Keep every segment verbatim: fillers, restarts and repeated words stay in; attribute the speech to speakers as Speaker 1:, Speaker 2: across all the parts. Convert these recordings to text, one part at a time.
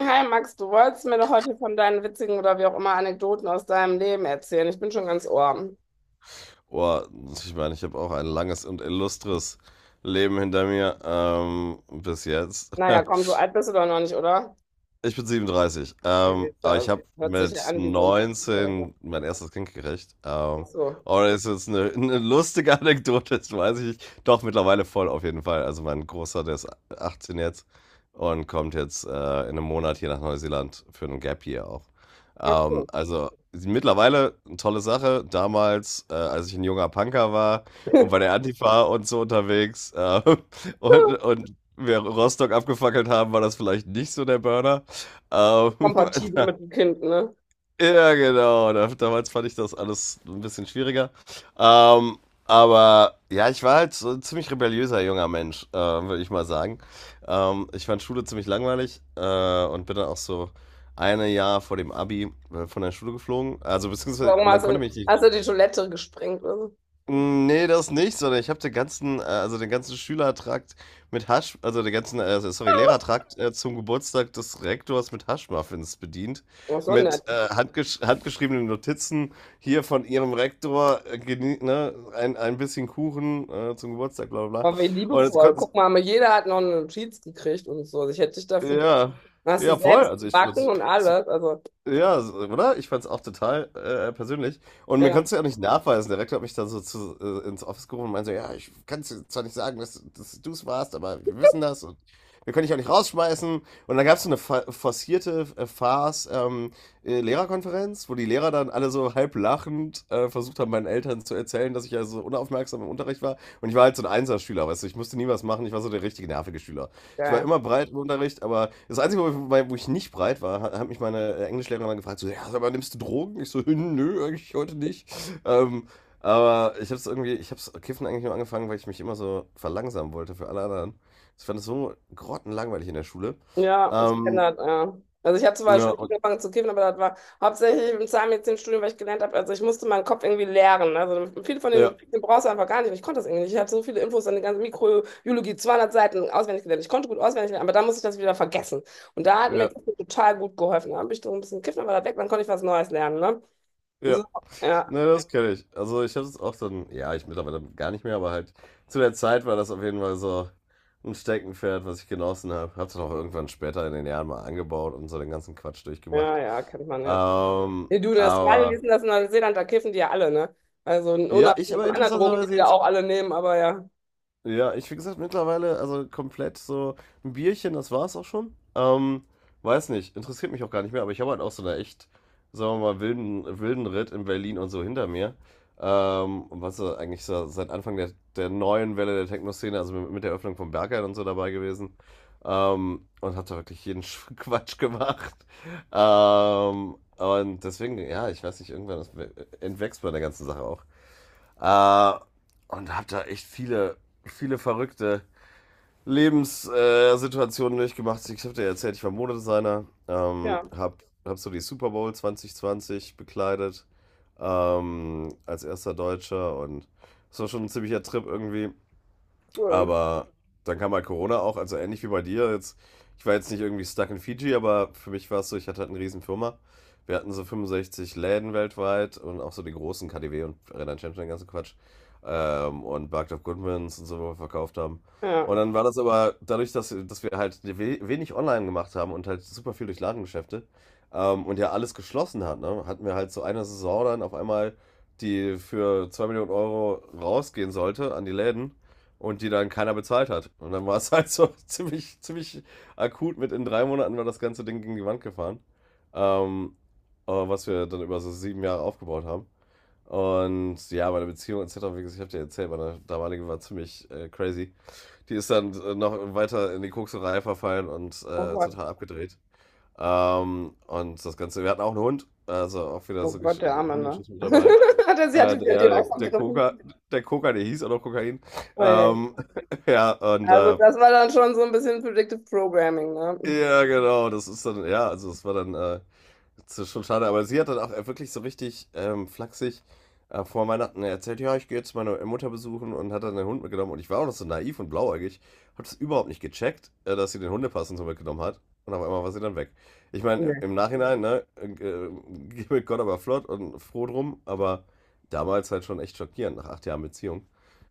Speaker 1: Hi Max, du wolltest mir doch heute von deinen witzigen oder wie auch immer Anekdoten aus deinem Leben erzählen. Ich bin schon ganz Ohr.
Speaker 2: Oh, ich meine, ich habe auch ein langes und illustres Leben hinter mir ähm, bis jetzt.
Speaker 1: Naja, komm, so alt bist du doch noch nicht, oder?
Speaker 2: Ich bin siebenunddreißig.
Speaker 1: Ja,
Speaker 2: Ähm,
Speaker 1: siehst du,
Speaker 2: aber ich habe
Speaker 1: also, hört sich
Speaker 2: mit
Speaker 1: ja an wie so ein siebzig. Ach
Speaker 2: neunzehn mein erstes Kind gekriegt. Ähm,
Speaker 1: so.
Speaker 2: oh, das ist jetzt eine, eine lustige Anekdote, das weiß ich nicht. Doch, mittlerweile voll auf jeden Fall. Also mein Großer, der ist achtzehn jetzt und kommt jetzt äh, in einem Monat hier nach Neuseeland für einen Gap Year auch.
Speaker 1: Ach
Speaker 2: Ähm,
Speaker 1: cool.
Speaker 2: also mittlerweile eine tolle Sache. Damals, äh, als ich ein junger Punker war und bei der Antifa und so unterwegs äh, und, und wir Rostock abgefackelt haben, war das vielleicht nicht so der Burner. Ähm,
Speaker 1: Kompatibel mit dem Kind, ne?
Speaker 2: ja, genau. Damals fand ich das alles ein bisschen schwieriger. Ähm, aber ja, ich war halt so ein ziemlich rebelliöser junger Mensch, äh, würde ich mal sagen. Ähm, ich fand Schule ziemlich langweilig äh, und bin dann auch so ein Jahr vor dem Abi äh, von der Schule geflogen. Also beziehungsweise
Speaker 1: Warum
Speaker 2: man
Speaker 1: hast
Speaker 2: konnte
Speaker 1: du,
Speaker 2: mich nicht
Speaker 1: hast du die Toilette gesprengt oder so?
Speaker 2: hm, ne, das nicht, sondern ich habe den ganzen äh, also, den ganzen Schülertrakt mit Hasch also, den ganzen, äh, also, sorry, Lehrertrakt, äh, zum Geburtstag des Rektors mit Haschmuffins bedient.
Speaker 1: Aber so nett.
Speaker 2: Mit, äh, handgesch handgeschriebenen Notizen hier von ihrem Rektor, äh, geni ne, ein ein bisschen Kuchen, äh, zum Geburtstag, bla bla bla.
Speaker 1: Aber wie
Speaker 2: Und jetzt
Speaker 1: liebevoll.
Speaker 2: konnten s
Speaker 1: Guck mal, jeder hat noch eine Notiz gekriegt und so. Also ich hätte dich dafür.
Speaker 2: ja,
Speaker 1: Hast du
Speaker 2: ja voll.
Speaker 1: selbst
Speaker 2: Also, ich würde
Speaker 1: gebacken und
Speaker 2: es
Speaker 1: alles. Also,
Speaker 2: ja, so, oder? Ich fand's auch total äh, persönlich. Und mir
Speaker 1: ja,
Speaker 2: konntest du ja nicht nachweisen. Der Rektor hat mich dann so zu, äh, ins Office gerufen und meinte so, ja, ich kann es zwar nicht sagen, dass, dass du es warst, aber wir wissen das und wir können dich auch nicht rausschmeißen. Und dann gab's so eine fa- forcierte äh, Farce ähm, äh, Lehrerkonferenz, wo die Lehrer dann alle so halb lachend äh, versucht haben, meinen Eltern zu erzählen, dass ich ja so unaufmerksam im Unterricht war. Und ich war halt so ein Einserschüler, weißt du, ich musste nie was machen, ich war so der richtige nervige Schüler. Ich war
Speaker 1: geil.
Speaker 2: immer breit im Unterricht, aber das Einzige, wo ich, wo ich nicht breit war, hat, hat mich meine Englischlehrerin mal gefragt, so, ja, aber nimmst du Drogen? Ich so, nö, eigentlich heute nicht. Ähm, aber ich hab's irgendwie, ich hab's Kiffen eigentlich nur angefangen, weil ich mich immer so verlangsamen wollte für alle anderen. Ich fand es so grottenlangweilig in der Schule.
Speaker 1: Ja, ich kenne
Speaker 2: Ähm,
Speaker 1: das, ja. Also ich habe zwar
Speaker 2: ja,
Speaker 1: spät
Speaker 2: und,
Speaker 1: angefangen zu kiffen, aber das war hauptsächlich im Zahnmedizinstudium, weil ich gelernt habe, also ich musste meinen Kopf irgendwie leeren, ne? Also viele von denen
Speaker 2: ja,
Speaker 1: den brauchst du einfach gar nicht. Und ich konnte das irgendwie nicht. Ich hatte so viele Infos, an die ganze Mikrobiologie, zweihundert Seiten auswendig gelernt. Ich konnte gut auswendig lernen, aber dann musste ich das wieder vergessen. Und da hat mir
Speaker 2: ja,
Speaker 1: Kiffen total gut geholfen. Da habe ich so ein bisschen kiffen, aber das weg, dann konnte ich was Neues lernen, ne?
Speaker 2: ja.
Speaker 1: So, ja,
Speaker 2: Ne, das kenne ich. Also ich habe es auch dann, ja, ich mittlerweile gar nicht mehr, aber halt zu der Zeit war das auf jeden Fall so ein Steckenpferd, was ich genossen habe. Hab's dann auch irgendwann später in den Jahren mal angebaut und so den ganzen Quatsch
Speaker 1: ja,
Speaker 2: durchgemacht.
Speaker 1: ja, kennt man, ja.
Speaker 2: Ähm,
Speaker 1: Nee, du, in Australien, wie ist
Speaker 2: aber
Speaker 1: denn das in Neuseeland? Da kiffen die ja alle, ne? Also
Speaker 2: ja, ich
Speaker 1: unabhängig
Speaker 2: aber
Speaker 1: von anderen Drogen, die die
Speaker 2: interessanterweise
Speaker 1: ja
Speaker 2: jetzt
Speaker 1: auch alle nehmen, aber ja.
Speaker 2: ja, ich, wie gesagt, mittlerweile, also komplett so ein Bierchen, das war's auch schon. Ähm, weiß nicht, interessiert mich auch gar nicht mehr, aber ich habe halt auch so eine echt, sagen wir mal, wilden, wilden Ritt in Berlin und so hinter mir. Ähm, was so eigentlich so seit Anfang der, der neuen Welle der Techno-Szene, also mit, mit der Öffnung von Berghain und so dabei gewesen. Ähm, und hab da wirklich jeden Sch- Quatsch gemacht. Ähm, und deswegen, ja, ich weiß nicht, irgendwann das entwächst bei der ganzen Sache auch. Äh, und habe da echt viele, viele verrückte Lebenssituationen durchgemacht. Ich habe dir ja erzählt, ich war Modedesigner, ähm,
Speaker 1: Ja,
Speaker 2: habe hab so die Super Bowl zweitausendzwanzig bekleidet ähm, als erster Deutscher und es war schon ein ziemlicher Trip irgendwie.
Speaker 1: cool.
Speaker 2: Aber dann kam halt Corona auch, also ähnlich wie bei dir. Jetzt, ich war jetzt nicht irgendwie stuck in Fiji, aber für mich war es so, ich hatte halt eine riesen Firma. Wir hatten so fünfundsechzig Läden weltweit und auch so die großen K D W und Renan Champion, den ganzen Quatsch. Ähm, und Barked of Goodmans und so, wo wir verkauft haben.
Speaker 1: Ja.
Speaker 2: Und dann war das aber dadurch, dass, dass wir halt we- wenig online gemacht haben und halt super viel durch Ladengeschäfte ähm, und ja alles geschlossen hat, ne, hatten wir halt so eine Saison dann auf einmal, die für zwei Millionen Euro rausgehen sollte an die Läden und die dann keiner bezahlt hat. Und dann war es halt so ziemlich, ziemlich akut mit in drei Monaten war das ganze Ding gegen die Wand gefahren. Ähm, äh, was wir dann über so sieben Jahre aufgebaut haben. Und ja, meine Beziehung et cetera, wie gesagt, ich habe dir erzählt, meine damalige war ziemlich äh, crazy. Die ist dann äh, noch weiter in die Kokserei verfallen und
Speaker 1: Oh
Speaker 2: äh,
Speaker 1: Gott,
Speaker 2: total abgedreht. Ähm, und das Ganze, wir hatten auch einen Hund, also auch wieder
Speaker 1: oh
Speaker 2: so
Speaker 1: Gott,
Speaker 2: Gesch-
Speaker 1: der Arme, ne?
Speaker 2: Hundegeschichten mit dabei.
Speaker 1: Hatte sie
Speaker 2: Äh,
Speaker 1: hatte sie an
Speaker 2: ja,
Speaker 1: dem
Speaker 2: der, der
Speaker 1: ausgegriffen.
Speaker 2: Koka, der Koka, der hieß auch noch Kokain.
Speaker 1: Ui.
Speaker 2: Ähm, ja, und
Speaker 1: Also
Speaker 2: äh,
Speaker 1: das war dann schon so ein bisschen Predictive Programming, ne?
Speaker 2: ja, genau, das ist dann, ja, also es war dann äh, das ist schon schade. Aber sie hat dann auch äh, wirklich so richtig ähm, flachsig äh, vor Weihnachten erzählt, ja, ich gehe jetzt meine Mutter besuchen und hat dann den Hund mitgenommen. Und ich war auch noch so naiv und blauäugig, habe das überhaupt nicht gecheckt, äh, dass sie den Hundepass und so mitgenommen hat. Und auf einmal war sie dann weg. Ich meine,
Speaker 1: Ja.
Speaker 2: im Nachhinein, ne, äh, äh, geh mit Gott aber flott und froh drum, aber damals halt schon echt schockierend, nach acht Jahren Beziehung.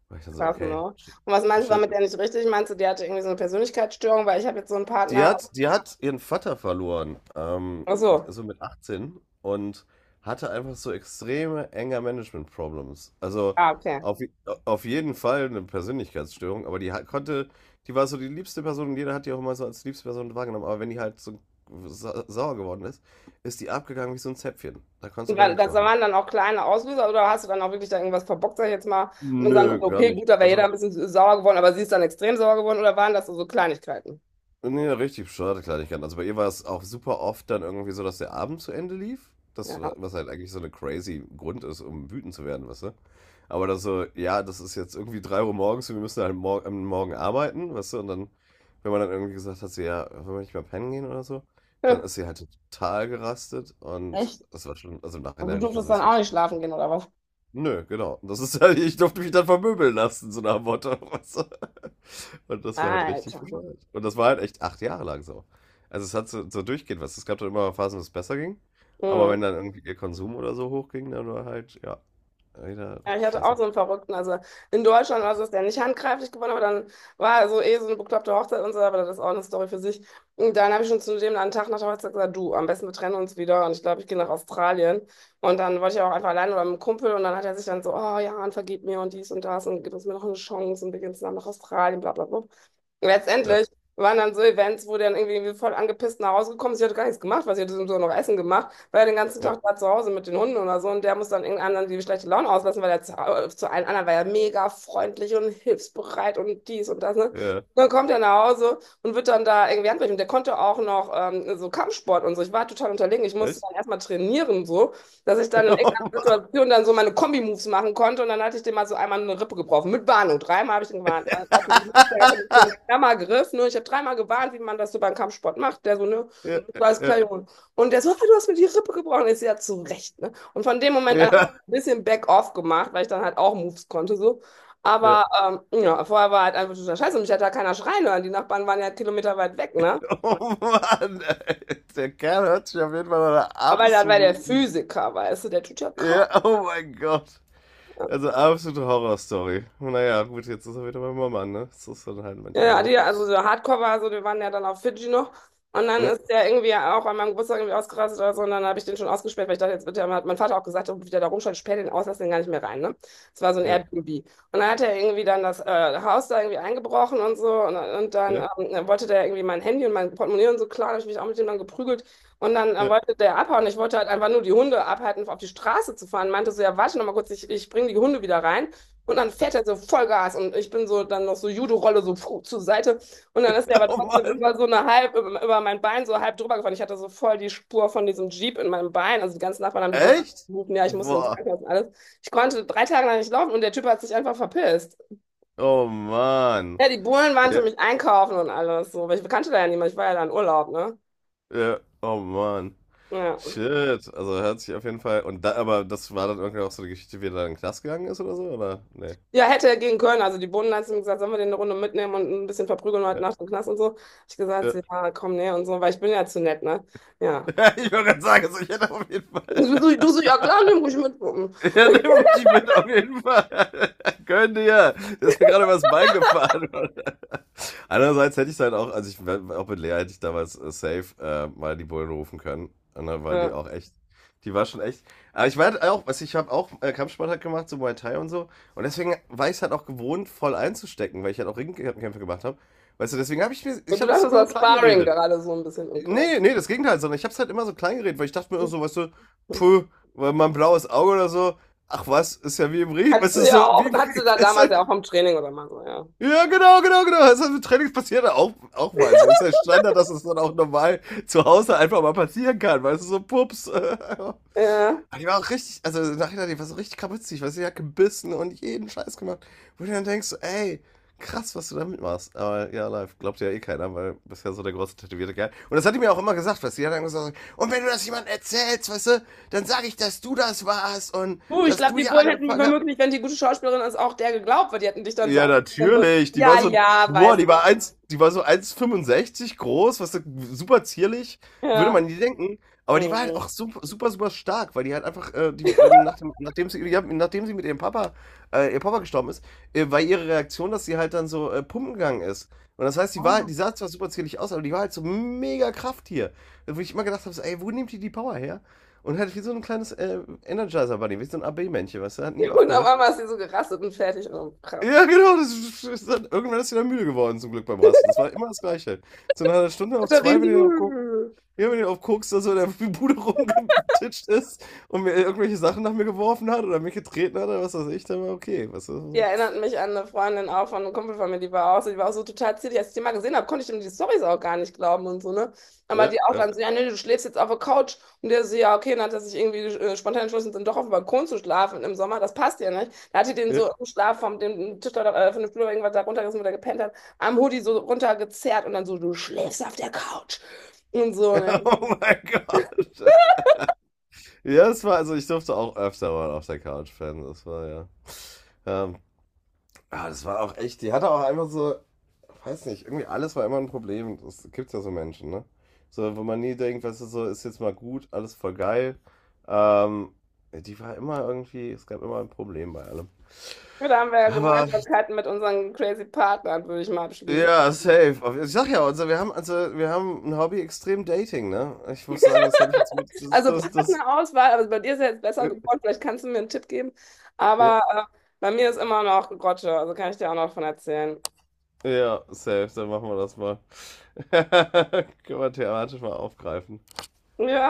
Speaker 2: War ich dann so,
Speaker 1: Krass, ne?
Speaker 2: okay.
Speaker 1: Und
Speaker 2: Shit.
Speaker 1: was meinst du, war
Speaker 2: Shit.
Speaker 1: mit der nicht richtig? Meinst du, die hatte irgendwie so eine Persönlichkeitsstörung, weil ich habe jetzt so einen
Speaker 2: Die
Speaker 1: Partner.
Speaker 2: hat, die hat ihren Vater verloren, ähm,
Speaker 1: Ach so.
Speaker 2: so mit achtzehn und hatte einfach so extreme Anger-Management-Problems. Also
Speaker 1: Ah, okay.
Speaker 2: auf, auf jeden Fall eine Persönlichkeitsstörung, aber die hat, konnte, die war so die liebste Person und jeder hat die auch immer so als liebste Person wahrgenommen. Aber wenn die halt so sa sauer geworden ist, ist die abgegangen wie so ein Zäpfchen. Da konntest
Speaker 1: Und
Speaker 2: du gar
Speaker 1: dann,
Speaker 2: nichts
Speaker 1: das
Speaker 2: machen.
Speaker 1: waren dann auch kleine Auslöser oder hast du, dann auch wirklich da irgendwas verbockt, sag ich jetzt mal, und sagen,
Speaker 2: Nö,
Speaker 1: konntest,
Speaker 2: gar
Speaker 1: okay,
Speaker 2: nicht.
Speaker 1: gut, da wäre jeder
Speaker 2: Also
Speaker 1: ein bisschen sauer geworden, aber sie ist dann extrem sauer geworden oder waren das so, so Kleinigkeiten?
Speaker 2: nee, richtig schade Kleinigkeiten. Also bei ihr war es auch super oft dann irgendwie so, dass der Abend zu Ende lief. Das,
Speaker 1: Ja.
Speaker 2: was halt eigentlich so eine crazy Grund ist, um wütend zu werden, weißt du? Aber dann so, ja, das ist jetzt irgendwie drei Uhr morgens und wir müssen halt mor am Morgen arbeiten, weißt du? Und dann, wenn man dann irgendwie gesagt hat, so, ja, wollen wir nicht mal pennen gehen oder so, dann ist sie halt total gerastet und
Speaker 1: Echt?
Speaker 2: das war schon, also im
Speaker 1: Und
Speaker 2: Nachhinein
Speaker 1: du
Speaker 2: hätte ich
Speaker 1: durftest
Speaker 2: gesagt,
Speaker 1: dann
Speaker 2: was wie,
Speaker 1: auch nicht schlafen gehen, oder was?
Speaker 2: nö, genau. Und das ist halt, ich durfte mich dann vermöbeln lassen, so nach dem Motto, weißt du? Und das war halt richtig
Speaker 1: Alter.
Speaker 2: bescheuert. Und das war halt echt acht Jahre lang so. Also es hat so, so durchgehend was. Es gab dann immer Phasen, wo es besser ging. Aber wenn
Speaker 1: Mhm.
Speaker 2: dann irgendwie ihr Konsum oder so hochging, dann war halt, ja, wieder
Speaker 1: Ja, ich
Speaker 2: richtig
Speaker 1: hatte auch
Speaker 2: scheiße.
Speaker 1: so einen Verrückten. Also in Deutschland war es, dass der nicht handgreiflich geworden, aber dann war so eh so eine bekloppte Hochzeit und so, aber das ist auch eine Story für sich. Und dann habe ich schon zu dem einen Tag nach der Hochzeit gesagt, du, am besten wir trennen uns wieder und ich glaube, ich gehe nach Australien. Und dann wollte ich auch einfach alleine oder mit einem Kumpel, und dann hat er sich dann so, oh ja, und vergib mir und dies und das und gib uns mir noch eine Chance und wir gehen zusammen nach Australien, bla bla bla.
Speaker 2: Ja,
Speaker 1: Letztendlich waren dann so Events, wo der dann irgendwie voll angepisst nach Hause gekommen ist. Sie hatte gar nichts gemacht, weil sie hatte so so noch Essen gemacht, weil er den ganzen
Speaker 2: ja,
Speaker 1: Tag da zu Hause mit den Hunden oder so, und der muss dann irgendeinem die schlechte Laune auslassen, weil er zu, äh, zu allen anderen war ja mega freundlich und hilfsbereit und dies und das, ne? Und
Speaker 2: ja. Ja.
Speaker 1: dann kommt er nach Hause und wird dann da irgendwie handgreiflich. Und der konnte auch noch ähm, so Kampfsport und so. Ich war total unterlegen. Ich musste
Speaker 2: Echt?
Speaker 1: dann erstmal trainieren, so, dass ich dann in
Speaker 2: Oh
Speaker 1: irgendeiner
Speaker 2: Mann.
Speaker 1: Situation dann so meine Kombi-Moves machen konnte. Und dann hatte ich dem mal so einmal eine Rippe gebrochen. Mit Warnung. Dreimal habe ich ihn gewarnt. Dann hat er mich gewusst, der hatte mich so einen Klammergriff. Ne? Ich habe dreimal gewarnt, wie man das so beim Kampfsport macht. Der so, ne,
Speaker 2: Ja,
Speaker 1: das war alles klar,
Speaker 2: ja,
Speaker 1: Junge. Und der so, ah, du hast mir die Rippe gebrochen. Ich so, ja, zu Recht, ne? Und von dem Moment an hab
Speaker 2: ja,
Speaker 1: ich ein bisschen Back-off gemacht, weil ich dann halt auch Moves konnte, so.
Speaker 2: ja.
Speaker 1: Aber ähm, ja, vorher war halt einfach total scheiße, und mich hat da keiner schreien hören. Die Nachbarn waren ja kilometerweit weg, ne?
Speaker 2: Oh Mann, ey. Der Kerl hört sich auf jeden Fall nach einer
Speaker 1: Aber dann war der
Speaker 2: absoluten.
Speaker 1: Physiker, weißt du, der tut ja kaum,
Speaker 2: Ja, oh mein Gott.
Speaker 1: ne?
Speaker 2: Also absolute Horrorstory. Naja, gut, jetzt ist er wieder bei meinem Mann, ne? Das ist dann halt
Speaker 1: Ja,
Speaker 2: manchmal
Speaker 1: ja,
Speaker 2: so.
Speaker 1: die, also so Hardcore war so, wir waren ja dann auf Fidschi noch. Und dann
Speaker 2: Ja.
Speaker 1: ist der irgendwie auch an meinem Geburtstag irgendwie ausgerastet oder so. Und dann habe ich den schon ausgesperrt, weil ich dachte, jetzt wird der, hat mein Vater auch gesagt, oh, wie der da rumschaut, sperr den aus, lass den gar nicht mehr rein, ne? Das war so ein
Speaker 2: Ja,
Speaker 1: Airbnb. Und dann hat er irgendwie dann das äh, Haus da irgendwie eingebrochen und so. Und, und
Speaker 2: ja,
Speaker 1: dann ähm, wollte der irgendwie mein Handy und mein Portemonnaie und so, klar. Da habe ich mich auch mit dem dann geprügelt. Und dann äh,
Speaker 2: ja.
Speaker 1: wollte der abhauen. Ich wollte halt einfach nur die Hunde abhalten, auf die Straße zu fahren. Meinte so, ja, warte noch mal kurz, ich, ich bringe die Hunde wieder rein. Und dann fährt er so Vollgas und ich bin so dann noch so Judo-Rolle so puh, zur Seite. Und dann ist er aber
Speaker 2: Oh
Speaker 1: trotzdem
Speaker 2: Mann.
Speaker 1: über so eine halb, über, über mein Bein so halb drüber gefahren. Ich hatte so voll die Spur von diesem Jeep in meinem Bein. Also die ganzen Nachbarn haben die Bullen
Speaker 2: Echt?
Speaker 1: gerufen, ja, ich musste ins
Speaker 2: Boah.
Speaker 1: Krankenhaus und alles. Ich konnte drei Tage lang nicht laufen und der Typ hat sich einfach verpisst.
Speaker 2: Oh Mann.
Speaker 1: Ja, die Bullen waren für
Speaker 2: Ja,
Speaker 1: mich einkaufen und alles so, weil ich kannte da ja niemand, ich war ja da in Urlaub, ne?
Speaker 2: ja. Oh Mann.
Speaker 1: Ja.
Speaker 2: Shit. Also hört sich auf jeden Fall. Und da, aber das war dann irgendwie auch so eine Geschichte, wie er dann in den Knast gegangen ist oder so, oder? Nee.
Speaker 1: Ja, hätte er gehen können. Also die Bullen hat zu mir gesagt, sollen wir den eine Runde mitnehmen und ein bisschen verprügeln heute
Speaker 2: Ja,
Speaker 1: Nacht im Knast und so. Ich gesagt,
Speaker 2: ja.
Speaker 1: ja, komm, nee und so, weil ich bin ja zu nett, ne? Ja.
Speaker 2: Ich wollte gerade sagen, also ich hätte auf jeden Fall.
Speaker 1: Du, du so, ja klar, nimm ruhig mit.
Speaker 2: Ja, nimm ruhig mit, auf jeden Fall. Gönn dir. Das ist mir gerade übers Bein gefahren. Andererseits hätte ich halt auch, also ich, wär- auch mit Lea hätte ich damals äh, safe äh, mal die Bullen rufen können. Und dann war die
Speaker 1: Ja.
Speaker 2: auch echt, die war schon echt. Aber ich war halt auch, also ich habe auch äh, Kampfsport halt gemacht, so Muay Thai und so. Und deswegen war ich es halt auch gewohnt, voll einzustecken, weil ich halt auch Ringkämpfe gemacht habe. Weißt du, deswegen habe ich mir,
Speaker 1: Und
Speaker 2: ich
Speaker 1: du
Speaker 2: habe das
Speaker 1: dachtest,
Speaker 2: immer so
Speaker 1: das
Speaker 2: klein
Speaker 1: war Sparring
Speaker 2: geredet.
Speaker 1: gerade so ein bisschen. Okay.
Speaker 2: Nee, nee, das Gegenteil, sondern ich hab's halt immer so klein geredet, weil ich dachte mir immer so, weißt du, puh, weil mein blaues Auge oder so, ach was, ist ja wie im Regen,
Speaker 1: Hattest
Speaker 2: weißt du,
Speaker 1: sie ja
Speaker 2: so,
Speaker 1: auch,
Speaker 2: wie,
Speaker 1: hattest
Speaker 2: wie
Speaker 1: sie da
Speaker 2: ist
Speaker 1: damals ja
Speaker 2: halt,
Speaker 1: auch vom Training oder mal so, ja.
Speaker 2: ja, genau, genau, genau, das ist halt mit Trainings passiert ja auch, auch mal so, ist halt Standard, dass es dann auch normal zu Hause einfach mal passieren kann, weißt du, so, pups, äh, aber
Speaker 1: Ja.
Speaker 2: die war auch richtig, also nachher, die war so richtig kaputzig, weil sie hat gebissen und jeden Scheiß gemacht. Wo du dann denkst, so, ey, krass, was du damit machst. Aber ja, live, glaubt ja eh keiner, weil du bist ja so der große tätowierte Kerl. Und das hat die mir auch immer gesagt, weißt du, die hat dann gesagt, und wenn du das jemandem erzählst, weißt du, dann sag ich, dass du das warst und
Speaker 1: Uh, ich
Speaker 2: dass
Speaker 1: glaube,
Speaker 2: du
Speaker 1: die
Speaker 2: ja
Speaker 1: Bullen hätten mir
Speaker 2: angefangen hast.
Speaker 1: womöglich, wenn die gute Schauspielerin ist, auch der geglaubt, weil die hätten dich dann so
Speaker 2: Ja,
Speaker 1: angeguckt. So,
Speaker 2: natürlich. Die
Speaker 1: ja,
Speaker 2: war so, ein-
Speaker 1: ja,
Speaker 2: boah,
Speaker 1: weißt
Speaker 2: die war eins, die war so eins Komma fünfundsechzig groß, was so super zierlich,
Speaker 1: du.
Speaker 2: würde
Speaker 1: Ja.
Speaker 2: man nie denken. Aber die war halt
Speaker 1: Mhm.
Speaker 2: auch super, super, super stark, weil die halt einfach, äh, die, ähm, nach dem, nachdem sie, ja, nachdem sie mit ihrem Papa, äh, ihr Papa gestorben ist, äh, war ihre Reaktion, dass sie halt dann so äh, pumpen gegangen ist. Und das heißt, die war, halt- die sah zwar super zierlich aus, aber die war halt so mega Krafttier. Wo ich immer gedacht habe, so, ey, wo nimmt die die Power her? Und halt wie so ein kleines äh, Energizer-Bunny, wie so ein A B-Männchen, weißt du, hat nie
Speaker 1: Und auf
Speaker 2: aufgehört.
Speaker 1: einmal ist sie so gerastet und fertig. Oh, krass.
Speaker 2: Ja, genau. Das ist, ist dann, irgendwann ist sie dann müde geworden, zum Glück beim Rasten. Das war immer das Gleiche. Zu einer halben Stunde
Speaker 1: Ist
Speaker 2: auf
Speaker 1: doch
Speaker 2: zwei, wenn
Speaker 1: riesig.
Speaker 2: ihr auf Koks, ja, wenn ihr auf Koks da so in der Bude rumgetitscht ist und mir irgendwelche Sachen nach mir geworfen hat oder mich getreten hat oder was weiß ich, dann war okay. Was,
Speaker 1: Die
Speaker 2: pff,
Speaker 1: erinnert mich an eine Freundin auch von einem Kumpel von mir, die war auch so, die war auch so total zierlich. Als ich die mal gesehen habe, konnte ich dem die Storys auch gar nicht glauben und so, ne? Aber
Speaker 2: ja,
Speaker 1: die auch
Speaker 2: ja,
Speaker 1: dann so, ja, nee, du schläfst jetzt auf der Couch. Und der so, ja, okay, dann hat er sich irgendwie äh, spontan entschlossen, dann doch auf dem Balkon zu schlafen im Sommer. Das passt ja nicht. Da hat die den
Speaker 2: ja.
Speaker 1: so im Schlaf vom dem Tisch da, äh, von dem Flur irgendwas da runtergerissen, wo der gepennt hat, am Hoodie so runtergezerrt und dann so, du schläfst auf der Couch. Und so, ne?
Speaker 2: Oh mein Gott. Ja, das war, also ich durfte auch öfter mal auf der Couch pennen. Das war ja. Ähm, ah, das war auch echt, die hatte auch einfach so, weiß nicht, irgendwie alles war immer ein Problem. Das gibt's ja so Menschen, ne? So, wo man nie denkt, weißt du, so ist jetzt mal gut, alles voll geil. Ähm, ja, die war immer irgendwie, es gab immer ein Problem bei allem.
Speaker 1: Ja, da haben wir ja
Speaker 2: Aber
Speaker 1: Gemeinsamkeiten mit unseren crazy Partnern, würde ich mal abschließen.
Speaker 2: ja, safe. Ich sag ja, also wir haben, also wir haben ein Hobby extrem Dating, ne? Ich muss sagen, das habe ich jetzt mit, das,
Speaker 1: Also
Speaker 2: das, das,
Speaker 1: Partnerauswahl, also bei dir ist ja jetzt besser geworden, vielleicht kannst du mir einen Tipp geben.
Speaker 2: ja,
Speaker 1: Aber äh, bei mir ist immer noch Grotte, also kann ich dir auch noch von erzählen.
Speaker 2: ja, safe, dann machen wir das mal. Können wir thematisch mal aufgreifen.
Speaker 1: Ja.